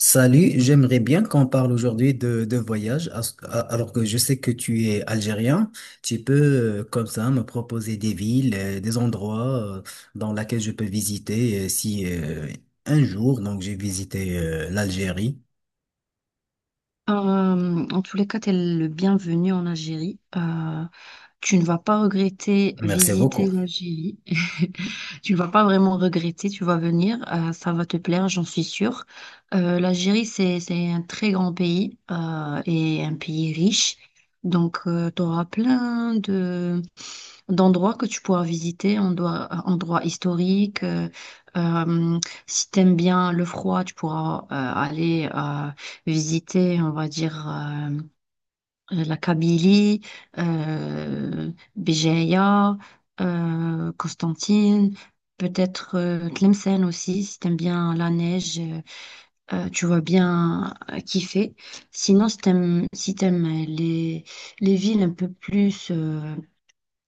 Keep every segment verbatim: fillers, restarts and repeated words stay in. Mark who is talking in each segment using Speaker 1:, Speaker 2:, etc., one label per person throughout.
Speaker 1: Salut, j'aimerais bien qu'on parle aujourd'hui de, de voyage, as- a- alors que je sais que tu es algérien. Tu peux, euh, comme ça, me proposer des villes, euh, des endroits euh, dans lesquels je peux visiter, euh, si euh, un jour, donc j'ai visité euh, l'Algérie.
Speaker 2: Euh, en tous les cas, t'es le bienvenu en Algérie. Euh, tu ne vas pas regretter
Speaker 1: Merci
Speaker 2: visiter
Speaker 1: beaucoup.
Speaker 2: l'Algérie. Tu vas pas vraiment regretter, tu vas venir, euh, ça va te plaire, j'en suis sûre. Euh, l'Algérie, c'est, c'est un très grand pays euh, et un pays riche. Donc, tu auras plein de, d'endroits que tu pourras visiter, endroits, endroits historiques. euh, euh, si t'aimes bien le froid, tu pourras euh, aller euh, visiter, on va dire. euh, euh, la Kabylie, euh, Béjaïa, euh, Constantine, peut-être euh, Tlemcen aussi, si t'aimes bien la neige, euh, euh, tu vas bien euh, kiffer. Sinon, si t'aimes, si t'aimes euh, les, les villes un peu plus euh,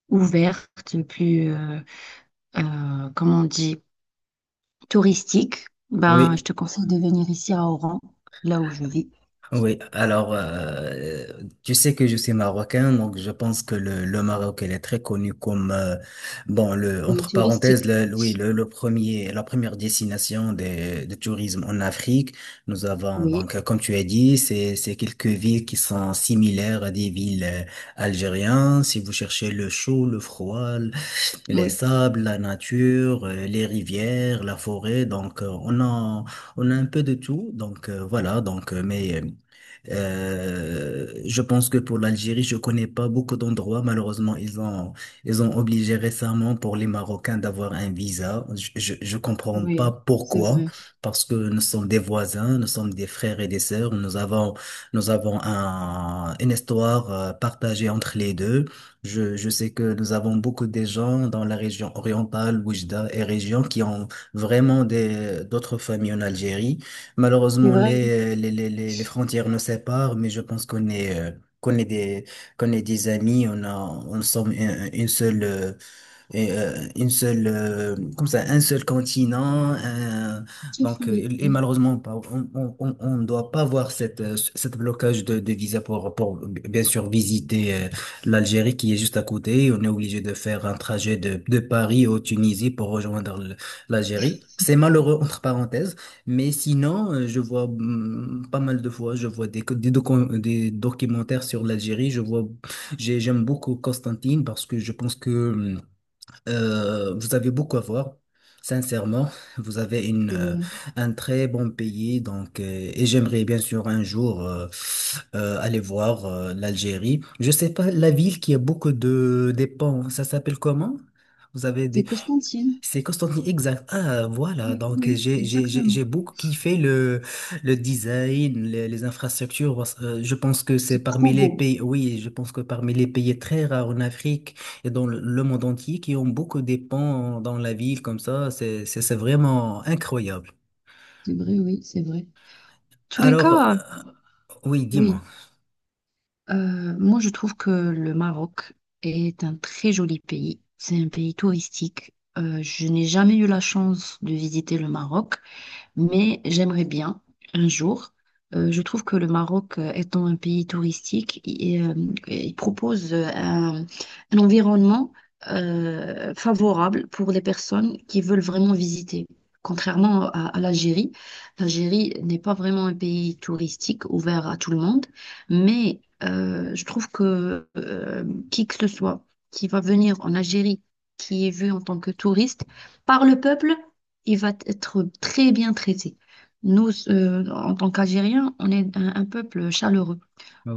Speaker 2: ouvertes, plus, euh, euh, comment on dit, touristiques, ben, je
Speaker 1: Oui.
Speaker 2: te conseille de venir ici à Oran, là où je vis.
Speaker 1: Oui, alors, euh, tu sais que je suis marocain, donc je pense que le, le Maroc il est très connu comme, euh, bon, le,
Speaker 2: Il est
Speaker 1: entre parenthèses,
Speaker 2: touristique.
Speaker 1: le, le- oui, le, le premier la première destination de de, tourisme en Afrique. Nous avons
Speaker 2: Oui,
Speaker 1: donc, euh, comme tu as dit, c'est c'est quelques villes qui sont similaires à des villes euh, algériennes. Si vous cherchez le chaud, le froid, l- les
Speaker 2: oui,
Speaker 1: sables, la nature, euh, les rivières, la forêt, donc, euh, on a on a un peu de tout. Donc, euh, voilà, donc euh, mais euh, euh, je pense que pour l'Algérie, je connais pas beaucoup d'endroits. Malheureusement, ils ont, ils ont obligé récemment pour les Marocains d'avoir un visa. Je, je, je comprends pas
Speaker 2: oui, c'est
Speaker 1: pourquoi,
Speaker 2: vrai.
Speaker 1: parce que nous sommes des voisins, nous sommes des frères et des sœurs. Nous avons, nous avons un, une histoire euh, partagée entre les deux. Je, je sais que nous avons beaucoup de gens dans la région orientale, Oujda et région, qui ont vraiment des, d'autres familles en Algérie.
Speaker 2: C'est
Speaker 1: Malheureusement,
Speaker 2: vrai.
Speaker 1: les, les, les, les les frontières nous séparent, mais je pense qu'on est, euh, qu'on est des, qu'on est des amis. On a, on sommes une, une seule, euh, et, euh, une seule, euh, comme ça, un seul continent. Un-
Speaker 2: Sauf
Speaker 1: donc, euh,
Speaker 2: famille,
Speaker 1: et
Speaker 2: oui,
Speaker 1: malheureusement, pas- on on- on- on ne doit pas voir cette, euh, ce- cette blocage de, de visa pour, pour, bien sûr, visiter euh, l'Algérie qui est juste à côté. On est obligé de faire un trajet de, de Paris au Tunisie pour rejoindre l- l'Algérie. C'est malheureux, entre parenthèses. Mais sinon, euh, je vois, hum, pas mal de fois, je vois des, co- des, docu- des documentaires sur l'Algérie. Je vois, j'ai- j'aime beaucoup Constantine parce que je pense que, mm, euh, vous avez beaucoup à voir. Sincèrement, vous avez une,
Speaker 2: oui, c'est
Speaker 1: euh,
Speaker 2: vrai.
Speaker 1: un très bon pays, donc, euh, et j'aimerais bien sûr un jour euh, euh, aller voir euh, l'Algérie. Je sais pas, la ville qui a beaucoup de des ponts, ça s'appelle comment? Vous avez des
Speaker 2: C'est Constantine.
Speaker 1: C'est Constantine, exact. Ah, voilà.
Speaker 2: Oui,
Speaker 1: Donc,
Speaker 2: oui,
Speaker 1: j'ai, j'ai, j'ai
Speaker 2: exactement.
Speaker 1: j'ai beaucoup kiffé le, le design, les, les infrastructures. parce- euh, Je pense que c'est
Speaker 2: C'est
Speaker 1: parmi
Speaker 2: trop
Speaker 1: les
Speaker 2: beau.
Speaker 1: pays, oui, je pense que parmi les pays très rares en Afrique et dans le, le monde entier qui ont beaucoup de ponts dans la ville comme ça. C'est, c'est, c'est vraiment incroyable.
Speaker 2: C'est vrai, oui, c'est vrai. Tous les
Speaker 1: Alors, euh,
Speaker 2: cas.
Speaker 1: oui, dis-moi.
Speaker 2: Oui, euh, moi je trouve que le Maroc est un très joli pays. C'est un pays touristique. Euh, je n'ai jamais eu la chance de visiter le Maroc. Mais j'aimerais bien un jour. euh, je trouve que le Maroc, euh, étant un pays touristique, il, euh, il propose euh, un, un environnement euh, favorable pour les personnes qui veulent vraiment visiter. Contrairement à, à l'Algérie, l'Algérie n'est pas vraiment un pays touristique ouvert à tout le monde, mais euh, je trouve que euh, qui que ce soit qui va venir en Algérie, qui est vu en tant que touriste par le peuple, il va être très bien traité. Nous, euh, en tant qu'Algériens, on est un, un peuple chaleureux.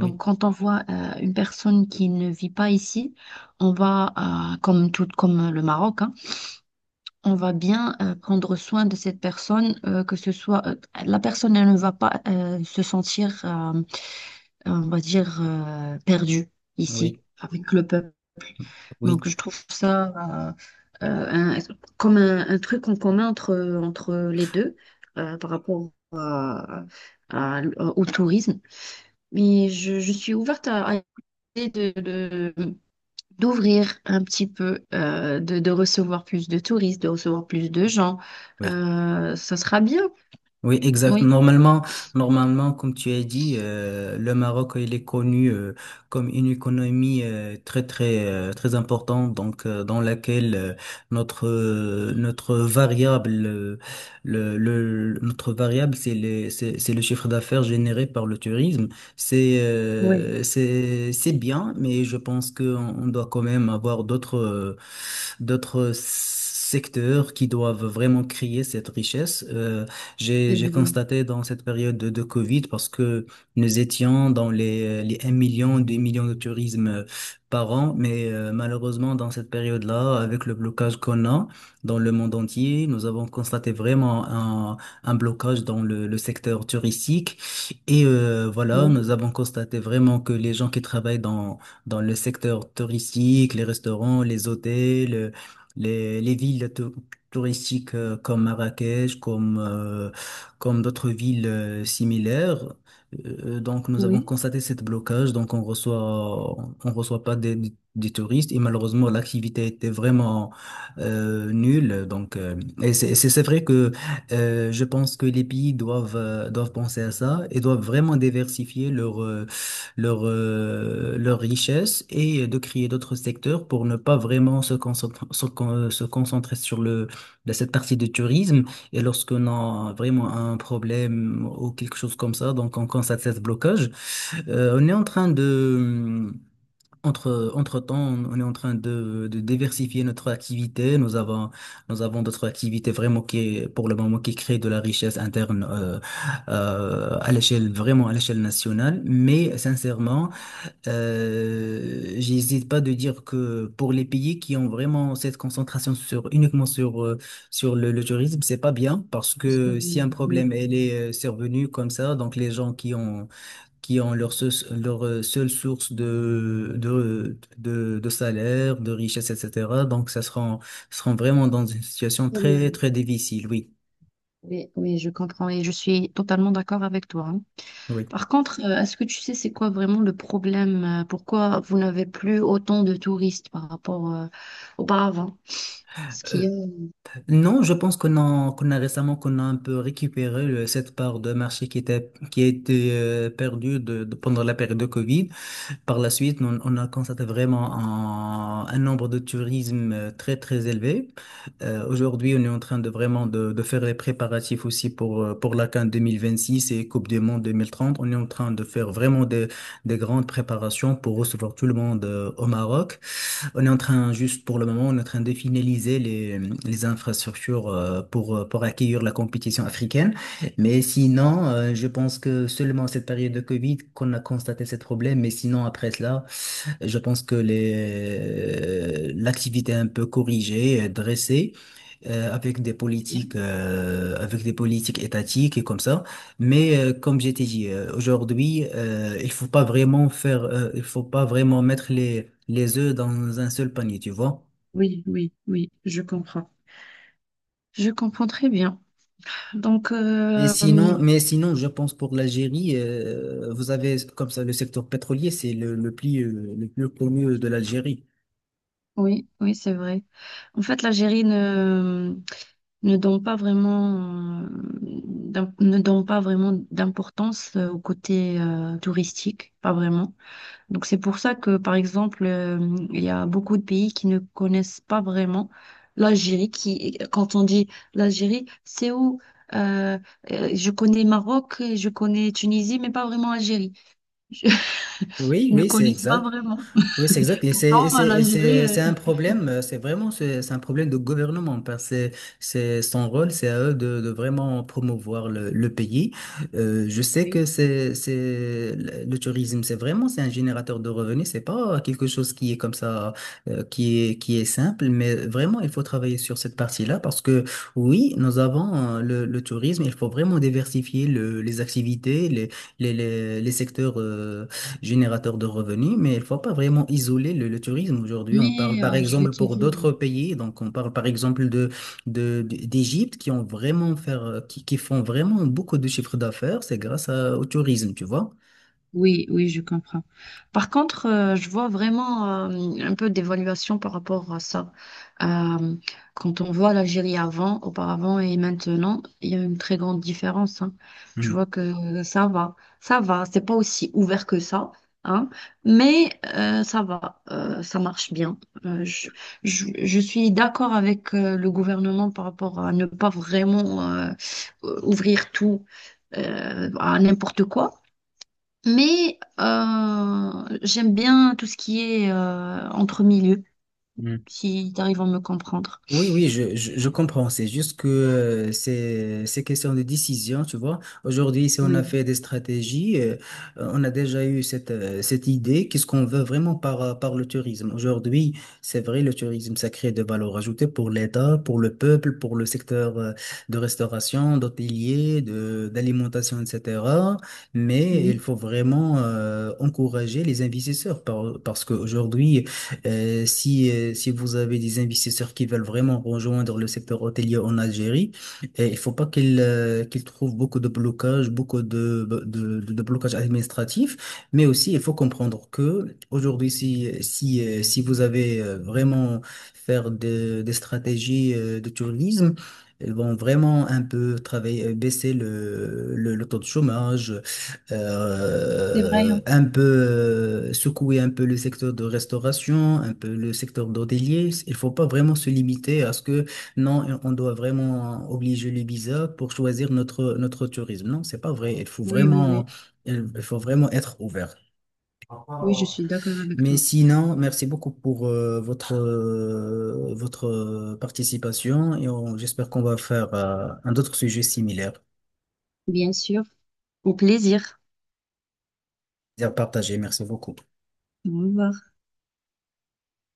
Speaker 2: Donc, quand on voit euh, une personne qui ne vit pas ici, on va, euh, comme tout, comme le Maroc, hein, on va bien euh, prendre soin de cette personne, euh, que ce soit euh, la personne, elle ne va pas euh, se sentir, euh, on va dire, euh, perdue ici
Speaker 1: oui,
Speaker 2: avec le peuple.
Speaker 1: oui,
Speaker 2: Donc, je trouve ça euh, euh, un- comme un, un truc en commun entre, entre les deux euh, par rapport à- à- au tourisme. Mais je, je suis ouverte à, à l'idée de, de- d'ouvrir un petit peu, euh, de, de recevoir plus de touristes, de recevoir plus de gens.
Speaker 1: oui.
Speaker 2: Euh, ça sera bien,
Speaker 1: Oui, exact.
Speaker 2: oui.
Speaker 1: Normalement, normalement, comme tu as dit, euh, le Maroc, il est connu euh, comme une économie, euh, très très euh, très importante, donc, euh, dans laquelle, euh, notre euh, notre variable euh, le, le notre variable c'est le c'est c'est le chiffre d'affaires généré par le tourisme. C'est, euh,
Speaker 2: Oui,
Speaker 1: c'est c'est bien, mais je pense que on on doit quand même avoir d'autres, euh, d'autres secteurs qui doivent vraiment créer cette richesse. Euh, j'ai,
Speaker 2: c'est
Speaker 1: j'ai
Speaker 2: vrai.
Speaker 1: constaté dans cette période de, de Covid, parce que nous étions dans les, les un million, deux millions de tourisme euh, par an, mais, euh, malheureusement, dans cette période-là, avec le blocage qu'on a dans le monde entier, nous avons constaté vraiment un, un blocage dans le, le secteur touristique. Et, euh, voilà,
Speaker 2: Oui,
Speaker 1: nous avons constaté vraiment que les gens qui travaillent dans, dans le secteur touristique, les restaurants, les hôtels, les, les villes tou- touristiques euh, comme Marrakech, comme... euh, comme d'autres villes euh, similaires. Euh, donc, nous avons
Speaker 2: oui.
Speaker 1: constaté cette blocage. Donc, on reçoit, on reçoit pas des, des touristes et malheureusement, l'activité était vraiment euh, nulle. Donc, euh, et c'est c'est- c'est vrai que, euh, je pense que les pays doivent, euh, doivent penser à ça et doivent vraiment diversifier leur, euh, leur euh, leur richesse et de créer d'autres secteurs pour ne pas vraiment se concentrer, se, con- se concentrer sur le de cette partie du tourisme, et lorsqu'on a vraiment un problème ou quelque chose comme ça, donc on constate ce blocage. euh, on est en train de, hum, entre, Entre-temps, on est en train de, de diversifier notre activité. Nous avons, nous avons d'autres activités vraiment qui, pour le moment, qui créent de la richesse interne, euh, euh, à l'échelle, vraiment à l'échelle nationale. Mais sincèrement, euh, j'hésite pas de dire que pour les pays qui ont vraiment cette concentration sur uniquement sur euh, sur le, le tourisme, c'est pas bien, parce
Speaker 2: Parce que,
Speaker 1: que si
Speaker 2: oui,
Speaker 1: un
Speaker 2: oui,
Speaker 1: problème elle est, euh, survenu comme ça, donc les gens qui ont qui ont leur seul- leur euh, seule source de de de, de salaire, de richesse, et cetera. Donc ça sera seront vraiment dans une situation très
Speaker 2: problème.
Speaker 1: très difficile. Oui,
Speaker 2: Oui, oui, je comprends et je suis totalement d'accord avec toi, hein.
Speaker 1: oui.
Speaker 2: Par contre, euh, est-ce que tu sais c'est quoi vraiment le problème? euh, Pourquoi vous n'avez plus autant de touristes par rapport euh, auparavant? Ce qui est...
Speaker 1: Non, je pense qu'on a, qu'on a récemment, qu'on a un peu récupéré le- cette part de marché qui était qui a été, euh, perdue, de, de- pendant la période de Covid. Par la suite, on, on a constaté vraiment un, un nombre de tourisme euh, très très élevé. Euh, aujourd'hui, on est en train de vraiment de, de faire les préparatifs aussi pour, euh, pour la CAN deux mille vingt-six et Coupe du Monde deux mille trente. On est en train de faire vraiment des des grandes préparations pour recevoir tout le monde, euh, au Maroc. On est en train, juste pour le moment, on est en train de finaliser les, les infrastructures, euh, pour, euh, pour accueillir la compétition africaine. Mais sinon, euh, je pense que seulement cette période de Covid qu'on a constaté ce problème. Mais sinon, après cela, je pense que les, euh, l'activité un peu corrigée, dressée, euh, avec des politiques, euh, avec des politiques étatiques et comme ça. Mais, euh, comme j'ai dit, euh, aujourd'hui, euh, il faut pas vraiment faire, euh, il faut pas vraiment mettre les les œufs dans un seul panier, tu vois.
Speaker 2: Oui, oui, oui, je comprends. Je comprends très bien. Donc,
Speaker 1: Mais
Speaker 2: euh,
Speaker 1: sinon, mais sinon, je pense pour l'Algérie, euh, vous avez comme ça le secteur pétrolier, c'est le, le plus euh, le plus connu de l'Algérie.
Speaker 2: oui, oui, c'est vrai. En fait, l'Algérie ne, ne donne pas vraiment, euh, d'im- ne donne pas vraiment d'importance euh, au côté euh, touristique, pas vraiment. Donc c'est pour ça que, par exemple, euh, il y a beaucoup de pays qui ne connaissent pas vraiment l'Algérie, qui, quand on dit l'Algérie, c'est où, euh, euh, je connais Maroc, je connais Tunisie, mais pas vraiment Algérie.
Speaker 1: Oui,
Speaker 2: Je ne
Speaker 1: oui, c'est
Speaker 2: connais pas
Speaker 1: exact.
Speaker 2: vraiment.
Speaker 1: Oui, c'est exact. Et c'est et
Speaker 2: Non,
Speaker 1: c'est- et
Speaker 2: l'Algérie.
Speaker 1: c'est- c'est
Speaker 2: Euh,
Speaker 1: un problème, euh, c'est vraiment c'est c'est un problème de gouvernement, parce que c'est son rôle, c'est à eux de, de vraiment promouvoir le, le pays. Euh, je sais
Speaker 2: oui.
Speaker 1: que c'est c'est le le tourisme, c'est vraiment c'est un générateur de revenus, c'est pas quelque chose qui est comme ça, euh, qui est qui est simple, mais vraiment il faut travailler sur cette partie-là, parce que oui, nous avons, euh, le, le tourisme, il faut vraiment diversifier le- les activités, les les les, les secteurs, euh, générateur de revenus, mais il ne faut pas vraiment isoler le, le tourisme. Aujourd'hui, on parle
Speaker 2: Mais
Speaker 1: par
Speaker 2: euh, je vais
Speaker 1: exemple
Speaker 2: te
Speaker 1: pour
Speaker 2: dire.
Speaker 1: d'autres pays, donc on parle par exemple de, de, de- d'Égypte qui ont vraiment faire, euh, qui, qui font vraiment beaucoup de chiffres d'affaires, c'est grâce à- au tourisme, tu vois.
Speaker 2: Oui, oui, je comprends. Par contre, euh, je vois vraiment euh, un peu d'évaluation par rapport à ça. Euh, quand on voit l'Algérie avant, auparavant et maintenant, il y a une très grande différence, hein. Je
Speaker 1: Mm,
Speaker 2: vois que ça va, ça va. C'est pas aussi ouvert que ça, hein, mais euh, ça va, euh, ça marche bien. Euh, je, je, je suis d'accord avec euh, le gouvernement par rapport à ne pas vraiment euh, ouvrir tout euh, à n'importe quoi. Mais euh, j'aime bien tout ce qui est euh, entre milieux,
Speaker 1: mm.
Speaker 2: si tu arrives à me comprendre.
Speaker 1: Oui, oui, je, je, je comprends. C'est juste que, euh, c'est c'est question de décision, tu vois. Aujourd'hui, si on a
Speaker 2: Oui,
Speaker 1: fait des stratégies, euh, euh, on a déjà eu cette, euh, cette idée, qu'est-ce qu'on veut vraiment par, euh, par le tourisme. Aujourd'hui, c'est vrai, le tourisme, ça crée de valeur ajoutée pour l'État, pour le peuple, pour le secteur euh, de restauration, d'hôtelier, de, d'alimentation, et cetera. Mais il
Speaker 2: oui,
Speaker 1: faut vraiment, euh, encourager les investisseurs, par- parce qu'aujourd'hui, euh, si, euh, si vous avez des investisseurs qui veulent vraiment rejoindre le secteur hôtelier en Algérie, euh, il faut pas qu'ils euh, qu'ils trouvent beaucoup de blocages, beaucoup de, de, de, de blocages administratifs, mais aussi il faut comprendre que aujourd'hui, si, si, euh, si vous avez, euh, vraiment faire de- des stratégies euh, de tourisme, elles vont vraiment un peu travailler, euh, baisser le, le, le taux de chômage,
Speaker 2: c'est vrai,
Speaker 1: euh,
Speaker 2: hein.
Speaker 1: un peu, euh, secouer un peu le secteur de restauration, un peu le secteur d'hôtelier. Il faut pas vraiment se limiter à ce que non, on doit vraiment obliger le visa pour choisir notre notre tourisme. Non, c'est pas vrai. Il faut
Speaker 2: Oui, oui,
Speaker 1: vraiment,
Speaker 2: oui.
Speaker 1: il il faut vraiment être ouvert.
Speaker 2: Oui, je suis d'accord avec
Speaker 1: Mais
Speaker 2: toi.
Speaker 1: sinon, merci beaucoup pour euh, votre euh, votre euh, participation, et on- j'espère qu'on va faire euh, un autre sujet similaire.
Speaker 2: Bien sûr. Au plaisir.
Speaker 1: Plaisir partagé. Merci beaucoup.
Speaker 2: Au revoir.